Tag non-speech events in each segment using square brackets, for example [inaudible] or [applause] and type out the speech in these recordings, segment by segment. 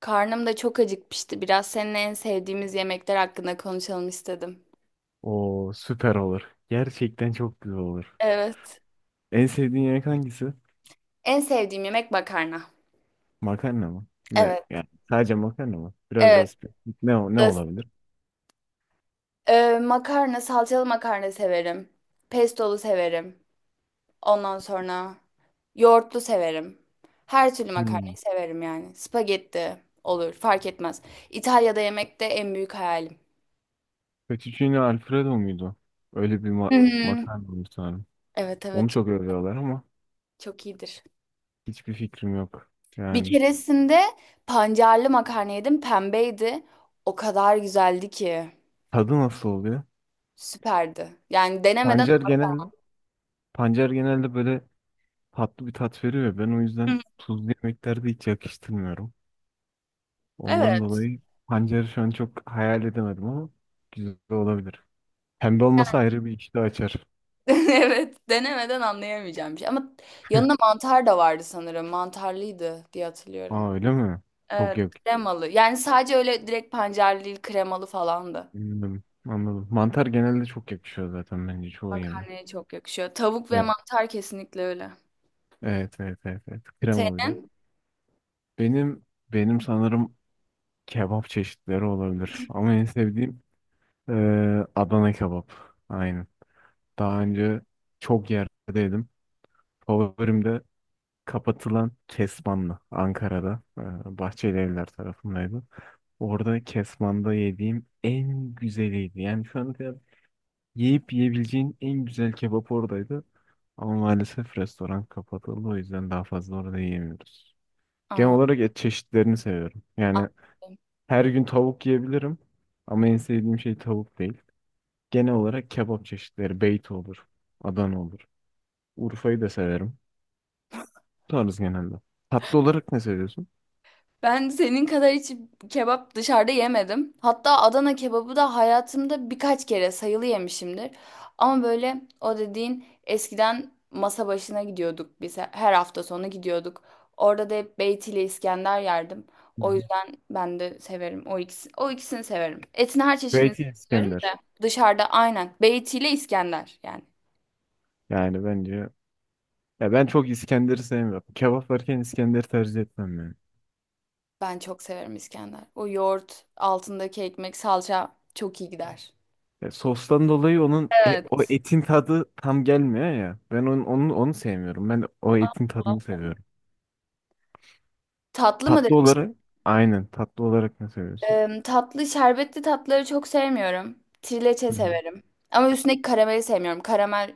Karnım da çok acıkmıştı. Biraz seninle en sevdiğimiz yemekler hakkında konuşalım istedim. O süper olur. Gerçekten çok güzel olur. Evet. En sevdiğin yemek hangisi? En sevdiğim yemek makarna. Makarna mı? Ne Evet. yani sadece makarna mı? Biraz daha Evet. spesifik. Ne Öz- olabilir? Makarna, salçalı makarna severim. Pestolu severim. Ondan sonra yoğurtlu severim. Her türlü Hmm. makarnayı severim yani. Spagetti olur, fark etmez. İtalya'da yemek de en büyük hayalim. Fettuccine Alfredo muydu? Öyle bir Hı hı. makarna mı sanırım. Evet, Onu çok, çok övüyorlar ama çok iyidir. hiçbir fikrim yok. Bir Yani keresinde pancarlı makarna yedim. Pembeydi. O kadar güzeldi ki. tadı nasıl oluyor? Süperdi. Yani Pancar genelde Pancar genelde böyle tatlı bir tat veriyor. Ben o Hı, hı. yüzden tuzlu yemeklerde hiç yakıştırmıyorum. Ondan Evet. dolayı pancarı şu an çok hayal edemedim ama güzel olabilir. Pembe olması ayrı bir iştah açar. [laughs] Evet, denemeden anlayamayacağım bir şey. Ama yanında [laughs] mantar da vardı sanırım. Mantarlıydı diye hatırlıyorum. Aa öyle mi? Çok Evet. yak. Kremalı. Yani sadece öyle direkt pancarlı değil, kremalı falandı. Anladım. Anladım. Mantar genelde çok yakışıyor zaten bence çoğu yeme. Makarnaya çok yakışıyor. Tavuk ve Evet. mantar kesinlikle öyle. Evet, evet, evet, evet. Krema bir de. Senin? Benim benim sanırım kebap çeşitleri olabilir. Ama en sevdiğim Adana kebap. Aynen. Daha önce çok yerdeydim. Favorim de kapatılan Kesmanlı Ankara'da. Bahçeli Evler tarafındaydı. Orada Kesman'da yediğim en güzeliydi. Yani şu an yiyip yiyebileceğin en güzel kebap oradaydı. Ama maalesef restoran kapatıldı. O yüzden daha fazla orada yiyemiyoruz. Genel Aa, olarak et çeşitlerini seviyorum. aa. Yani her gün tavuk yiyebilirim. Ama en sevdiğim şey tavuk değil. Genel olarak kebap çeşitleri. Beyti olur. Adana olur. Urfa'yı da severim. Bu tarz genelde. Tatlı olarak ne seviyorsun? Ben senin kadar hiç kebap dışarıda yemedim. Hatta Adana kebabı da hayatımda birkaç kere sayılı yemişimdir. Ama böyle o dediğin eskiden masa başına gidiyorduk biz. Her hafta sonu gidiyorduk. Orada da hep Beyti ile İskender yerdim. Hı hı. O yüzden ben de severim. O ikisini severim. Etin her çeşidini Beyti severim de İskender. dışarıda aynen Beyti ile İskender yani. Yani bence ya ben çok İskender'i sevmiyorum. Kebap varken İskender'i tercih etmem yani. Ben çok severim İskender. O yoğurt, altındaki ekmek, salça çok iyi gider. Ya sostan dolayı o Evet. etin tadı tam gelmiyor ya. Ben onu sevmiyorum. Ben o etin tadını seviyorum. Tatlı mı Tatlı demiştin? olarak Aynen, tatlı olarak ne seviyorsun? Şerbetli tatları çok sevmiyorum. Trileçe Hı hı, severim. Ama üstündeki karameli sevmiyorum.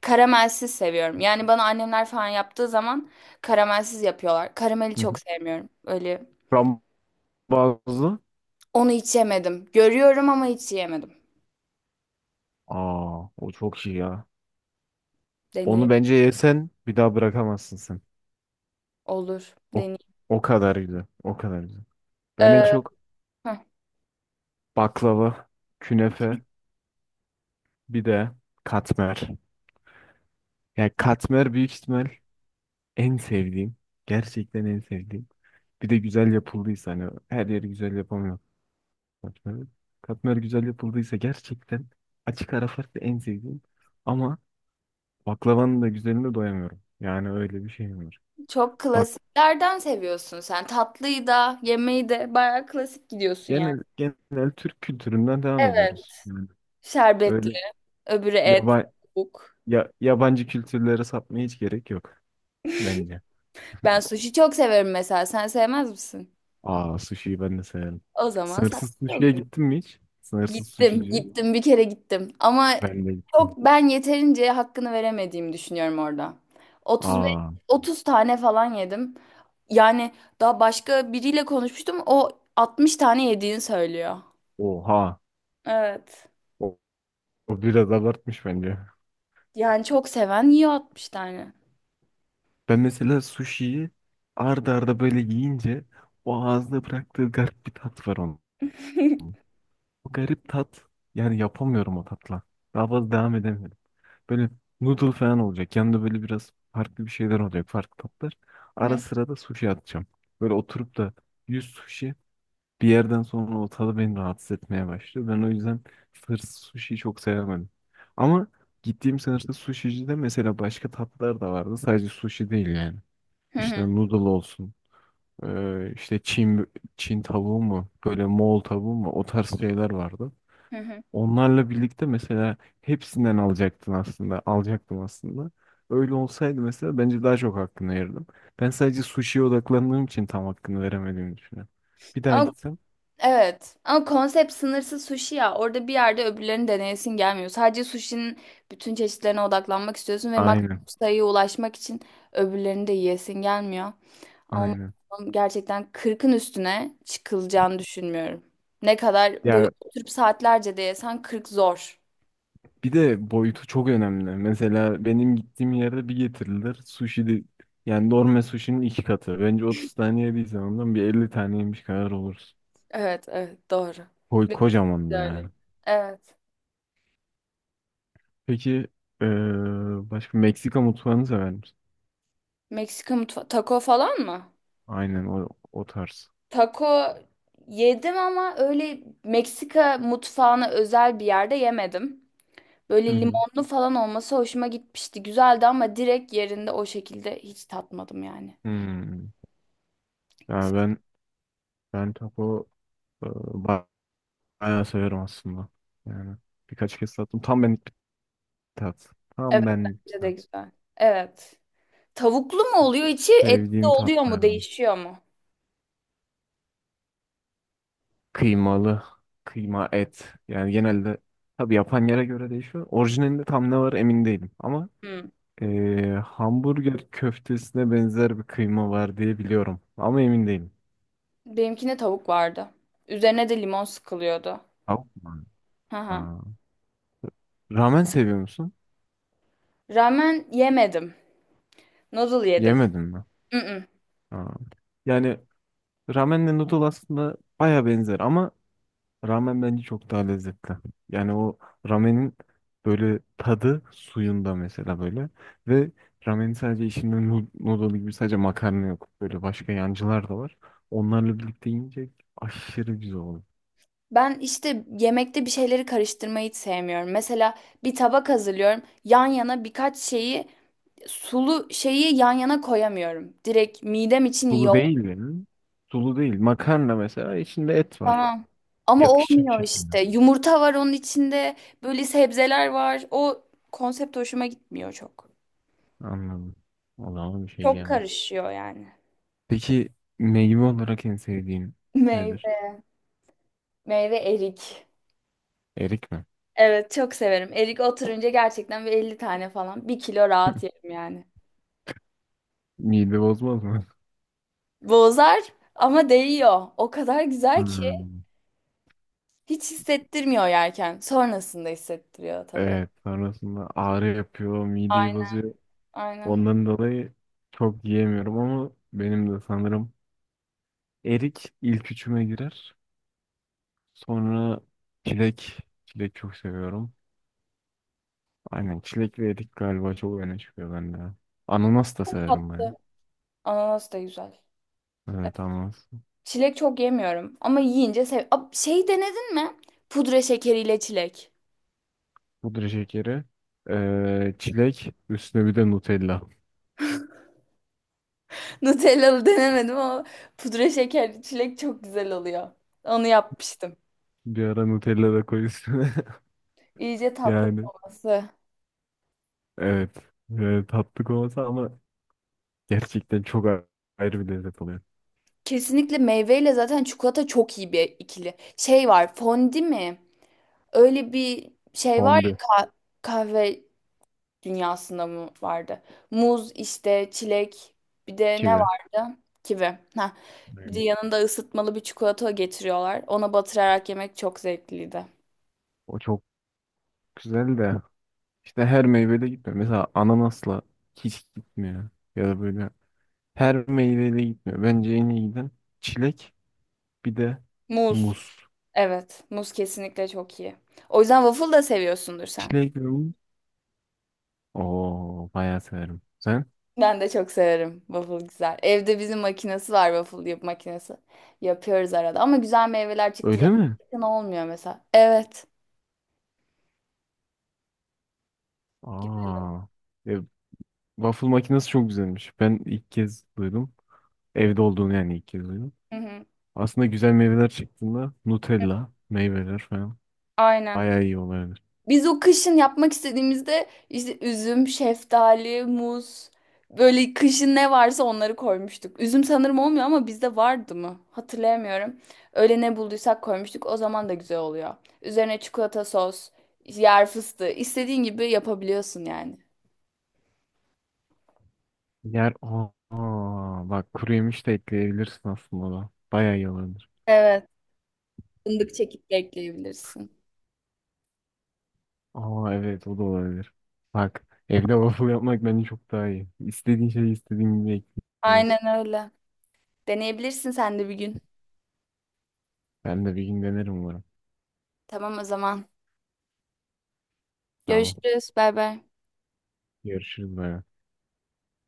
Karamelsiz seviyorum. Yani bana annemler falan yaptığı zaman karamelsiz yapıyorlar. Karameli hı hı. çok sevmiyorum. Öyle Frambuazlı. onu hiç yemedim. Görüyorum ama hiç yemedim. Aa o çok iyi ya. Deneyim Onu bence yesen bir daha bırakamazsın sen. olur. O, Deneyim. o kadar güzel. O kadar güzel. Ben en Ee, çok heh, baklava, künefe, bir de katmer. Yani katmer büyük ihtimal En sevdiğim, gerçekten en sevdiğim. Bir de güzel yapıldıysa, hani her yeri güzel yapamıyor katmer. Katmer güzel yapıldıysa gerçekten açık ara farklı en sevdiğim. Ama baklavanın da güzeline doyamıyorum. Yani öyle bir şey var. çok Bak, klasiklerden seviyorsun sen. Tatlıyı da, yemeği de bayağı klasik gidiyorsun yani. genel Türk kültüründen devam Evet. ediyoruz. Yani Şerbetli, öyle öbürü et, yaba, tavuk. Yabancı kültürlere sapmaya hiç gerek yok bence. Ben sushi çok severim mesela. Sen sevmez misin? Aa, sushi'yi ben de severim. O zaman Sınırsız sanatçı sushi'ye oluyorum. gittin mi hiç? Sınırsız Gittim, sushi'ci. gittim bir kere gittim. Ama Ben de gittim. çok ben yeterince hakkını veremediğimi düşünüyorum orada. 35 Aa, 30 tane falan yedim. Yani daha başka biriyle konuşmuştum. O 60 tane yediğini söylüyor. oha. Evet. O, o biraz abartmış bence. Yani çok seven yiyor 60 tane. Ben mesela sushi'yi arda arda böyle yiyince o ağızda bıraktığı garip bir tat var onun. [laughs] Hı O garip tat, yani yapamıyorum o tatla. Daha fazla devam edemiyorum. Böyle noodle falan olacak. Yanında böyle biraz farklı bir şeyler olacak. Farklı tatlar. Ara hı sıra da sushi atacağım. Böyle oturup da 100 sushi. Bir yerden sonra o tadı beni rahatsız etmeye başladı. Ben o yüzden hırsız sushi'yi çok sevemedim. Ama gittiğim sınıfta sushi'cide mesela başka tatlılar da vardı. Sadece sushi değil yani. hı İşte hı. noodle olsun. Çin tavuğu mu? Böyle Moğol tavuğu mu? O tarz şeyler vardı. Hı hı. Onlarla birlikte mesela hepsinden alacaktın aslında. Alacaktım aslında. Öyle olsaydı mesela bence daha çok hakkını verirdim. Ben sadece sushi'ye odaklandığım için tam hakkını veremediğimi düşünüyorum. Bir daha Ama gitsem. evet, ama konsept sınırsız sushi ya, orada bir yerde öbürlerini deneyesin gelmiyor. Sadece sushi'nin bütün çeşitlerine odaklanmak istiyorsun ve maksimum Aynen. sayıya ulaşmak için öbürlerini de yiyesin gelmiyor. Ama Aynen. gerçekten kırkın üstüne çıkılacağını düşünmüyorum. Ne kadar böyle Ya oturup saatlerce de yesen 40 zor. bir de boyutu çok önemli. Mesela benim gittiğim yerde bir getirilir. Sushi de, yani normal sushi'nin iki katı. Bence 30 tane yediysem ondan bir 50 tane yemiş kadar oluruz. Evet, evet, doğru. Koy Biraz kocaman da öyle. yani. Evet. Peki eee, başka Meksika mutfağını sever misin? Meksika mutfağı taco falan mı? Aynen o tarz. Taco yedim ama öyle Meksika mutfağına özel bir yerde yemedim. Hı Böyle hı. limonlu falan olması hoşuma gitmişti. Güzeldi ama direkt yerinde o şekilde hiç tatmadım yani. Hmm. Yani ben ben taco eee, ba- bayağı severim aslında. Yani birkaç kez tattım. Tam benlik bir tat. Evet, Tam benlik bir bence de tat. güzel. Evet. Tavuklu mu oluyor içi, etli Sevdiğim oluyor mu, tatlardan. değişiyor mu? Kıymalı, kıyma et. Yani genelde tabii yapan yere göre değişiyor. Orijinalinde tam ne var emin değilim. Ama Hmm. Hamburger köftesine benzer bir kıyma var diye biliyorum. Ama emin değilim. Benimkine tavuk vardı. Üzerine de limon sıkılıyordu. Tavuk mu? Hı hı. Aa, ramen seviyor musun? Ramen yemedim. Noodle yedim. Yemedim mi? Mm-mm. Aa. Yani ramenle noodle aslında baya benzer ama ramen bence çok daha lezzetli. Yani ramenin böyle tadı suyunda mesela böyle. Ve ramenin sadece içinde noodle gibi sadece makarna yok. Böyle başka yancılar da var. Onlarla birlikte yiyince aşırı güzel oluyor. Ben işte yemekte bir şeyleri karıştırmayı hiç sevmiyorum. Mesela bir tabak hazırlıyorum. Yan yana birkaç şeyi sulu şeyi yan yana koyamıyorum. Direkt midem için iyi Sulu oldu. değil yani. Sulu değil. Makarna mesela içinde et var. Tamam. Ama Yakışacak olmuyor şekilde. işte. Yumurta var onun içinde. Böyle sebzeler var. O konsept hoşuma gitmiyor çok. Anladım. O zaman bir şey Çok diyemem. karışıyor yani. Peki, meyve olarak en sevdiğin [laughs] nedir? Meyve. Meyve erik. Erik mi? Evet, çok severim. Erik oturunca gerçekten bir 50 tane falan. Bir kilo rahat yerim yani. Mide bozmaz mı? Bozar ama değiyor. O kadar [laughs] güzel ki. Hmm. Hiç hissettirmiyor yerken. Sonrasında hissettiriyor tabii. Evet, sonrasında ağrı yapıyor, mideyi Aynen. bozuyor. Aynen. Ondan dolayı çok yiyemiyorum ama benim de sanırım erik ilk üçüme girer. Sonra çilek, çilek çok seviyorum. Aynen çilek ve erik galiba çok öne çıkıyor bende. Ananas da severim ben. Tatlı. Ananas da güzel. Evet, ananas. Çilek çok yemiyorum ama yiyince sev. Şey, denedin mi? Pudra şekeriyle çilek. Pudra şekeri, çilek, üstüne bir de Nutella. [laughs] Nutellalı denemedim ama pudra şekerli çilek çok güzel oluyor. Onu yapmıştım. Bir ara Nutella da koy üstüne. [laughs] İyice tatlı Yani olması. evet, evet tatlı olmasa ama gerçekten ayrı bir lezzet oluyor. Kesinlikle meyveyle zaten çikolata çok iyi bir ikili. Şey var, fondi mi? Öyle bir şey var ya, Fondü, kahve dünyasında mı vardı? Muz, işte çilek, bir de ne kivi. vardı? Kivi. Ha. Bir de Hmm. yanında ısıtmalı bir çikolata getiriyorlar. Ona batırarak yemek çok zevkliydi. O çok güzel de işte her meyvede gitmiyor. Mesela ananasla hiç gitmiyor. Ya da böyle her meyveyle gitmiyor. Bence en iyi giden çilek, bir de Muz. muz. Evet, muz kesinlikle çok iyi. O yüzden waffle da seviyorsundur sen. Çilek ve muz. Oo, bayağı severim. Sen? Ben de çok severim. Waffle güzel. Evde bizim makinesi var, waffle yap makinesi. Yapıyoruz arada ama güzel meyveler çıktı Öyle mi? zaten, olmuyor mesela. Evet. Aa. E, waffle makinesi çok güzelmiş. Ben ilk kez duydum. Evde olduğunu yani ilk kez duydum. Hı hı. Aslında güzel meyveler çıktığında Nutella meyveler falan Aynen. bayağı iyi oluyor. Biz o kışın yapmak istediğimizde işte üzüm, şeftali, muz, böyle kışın ne varsa onları koymuştuk. Üzüm sanırım olmuyor ama bizde vardı mı? Hatırlayamıyorum. Öyle ne bulduysak koymuştuk. O zaman da güzel oluyor. Üzerine çikolata sos, yer fıstığı istediğin gibi yapabiliyorsun yani. Yer aa, bak kuru yemiş de ekleyebilirsin aslında ona. Bayağı iyi olabilir. Evet. Fındık çekip de ekleyebilirsin. Aa evet, o da olabilir. Bak, evde waffle yapmak bence çok daha iyi. İstediğin şeyi istediğin gibi ekliyorsun. Aynen öyle. Deneyebilirsin sen de bir gün. Ben de bir gün denerim umarım. Tamam o zaman. Tamam. Görüşürüz. Bay bay. Görüşürüz, bay.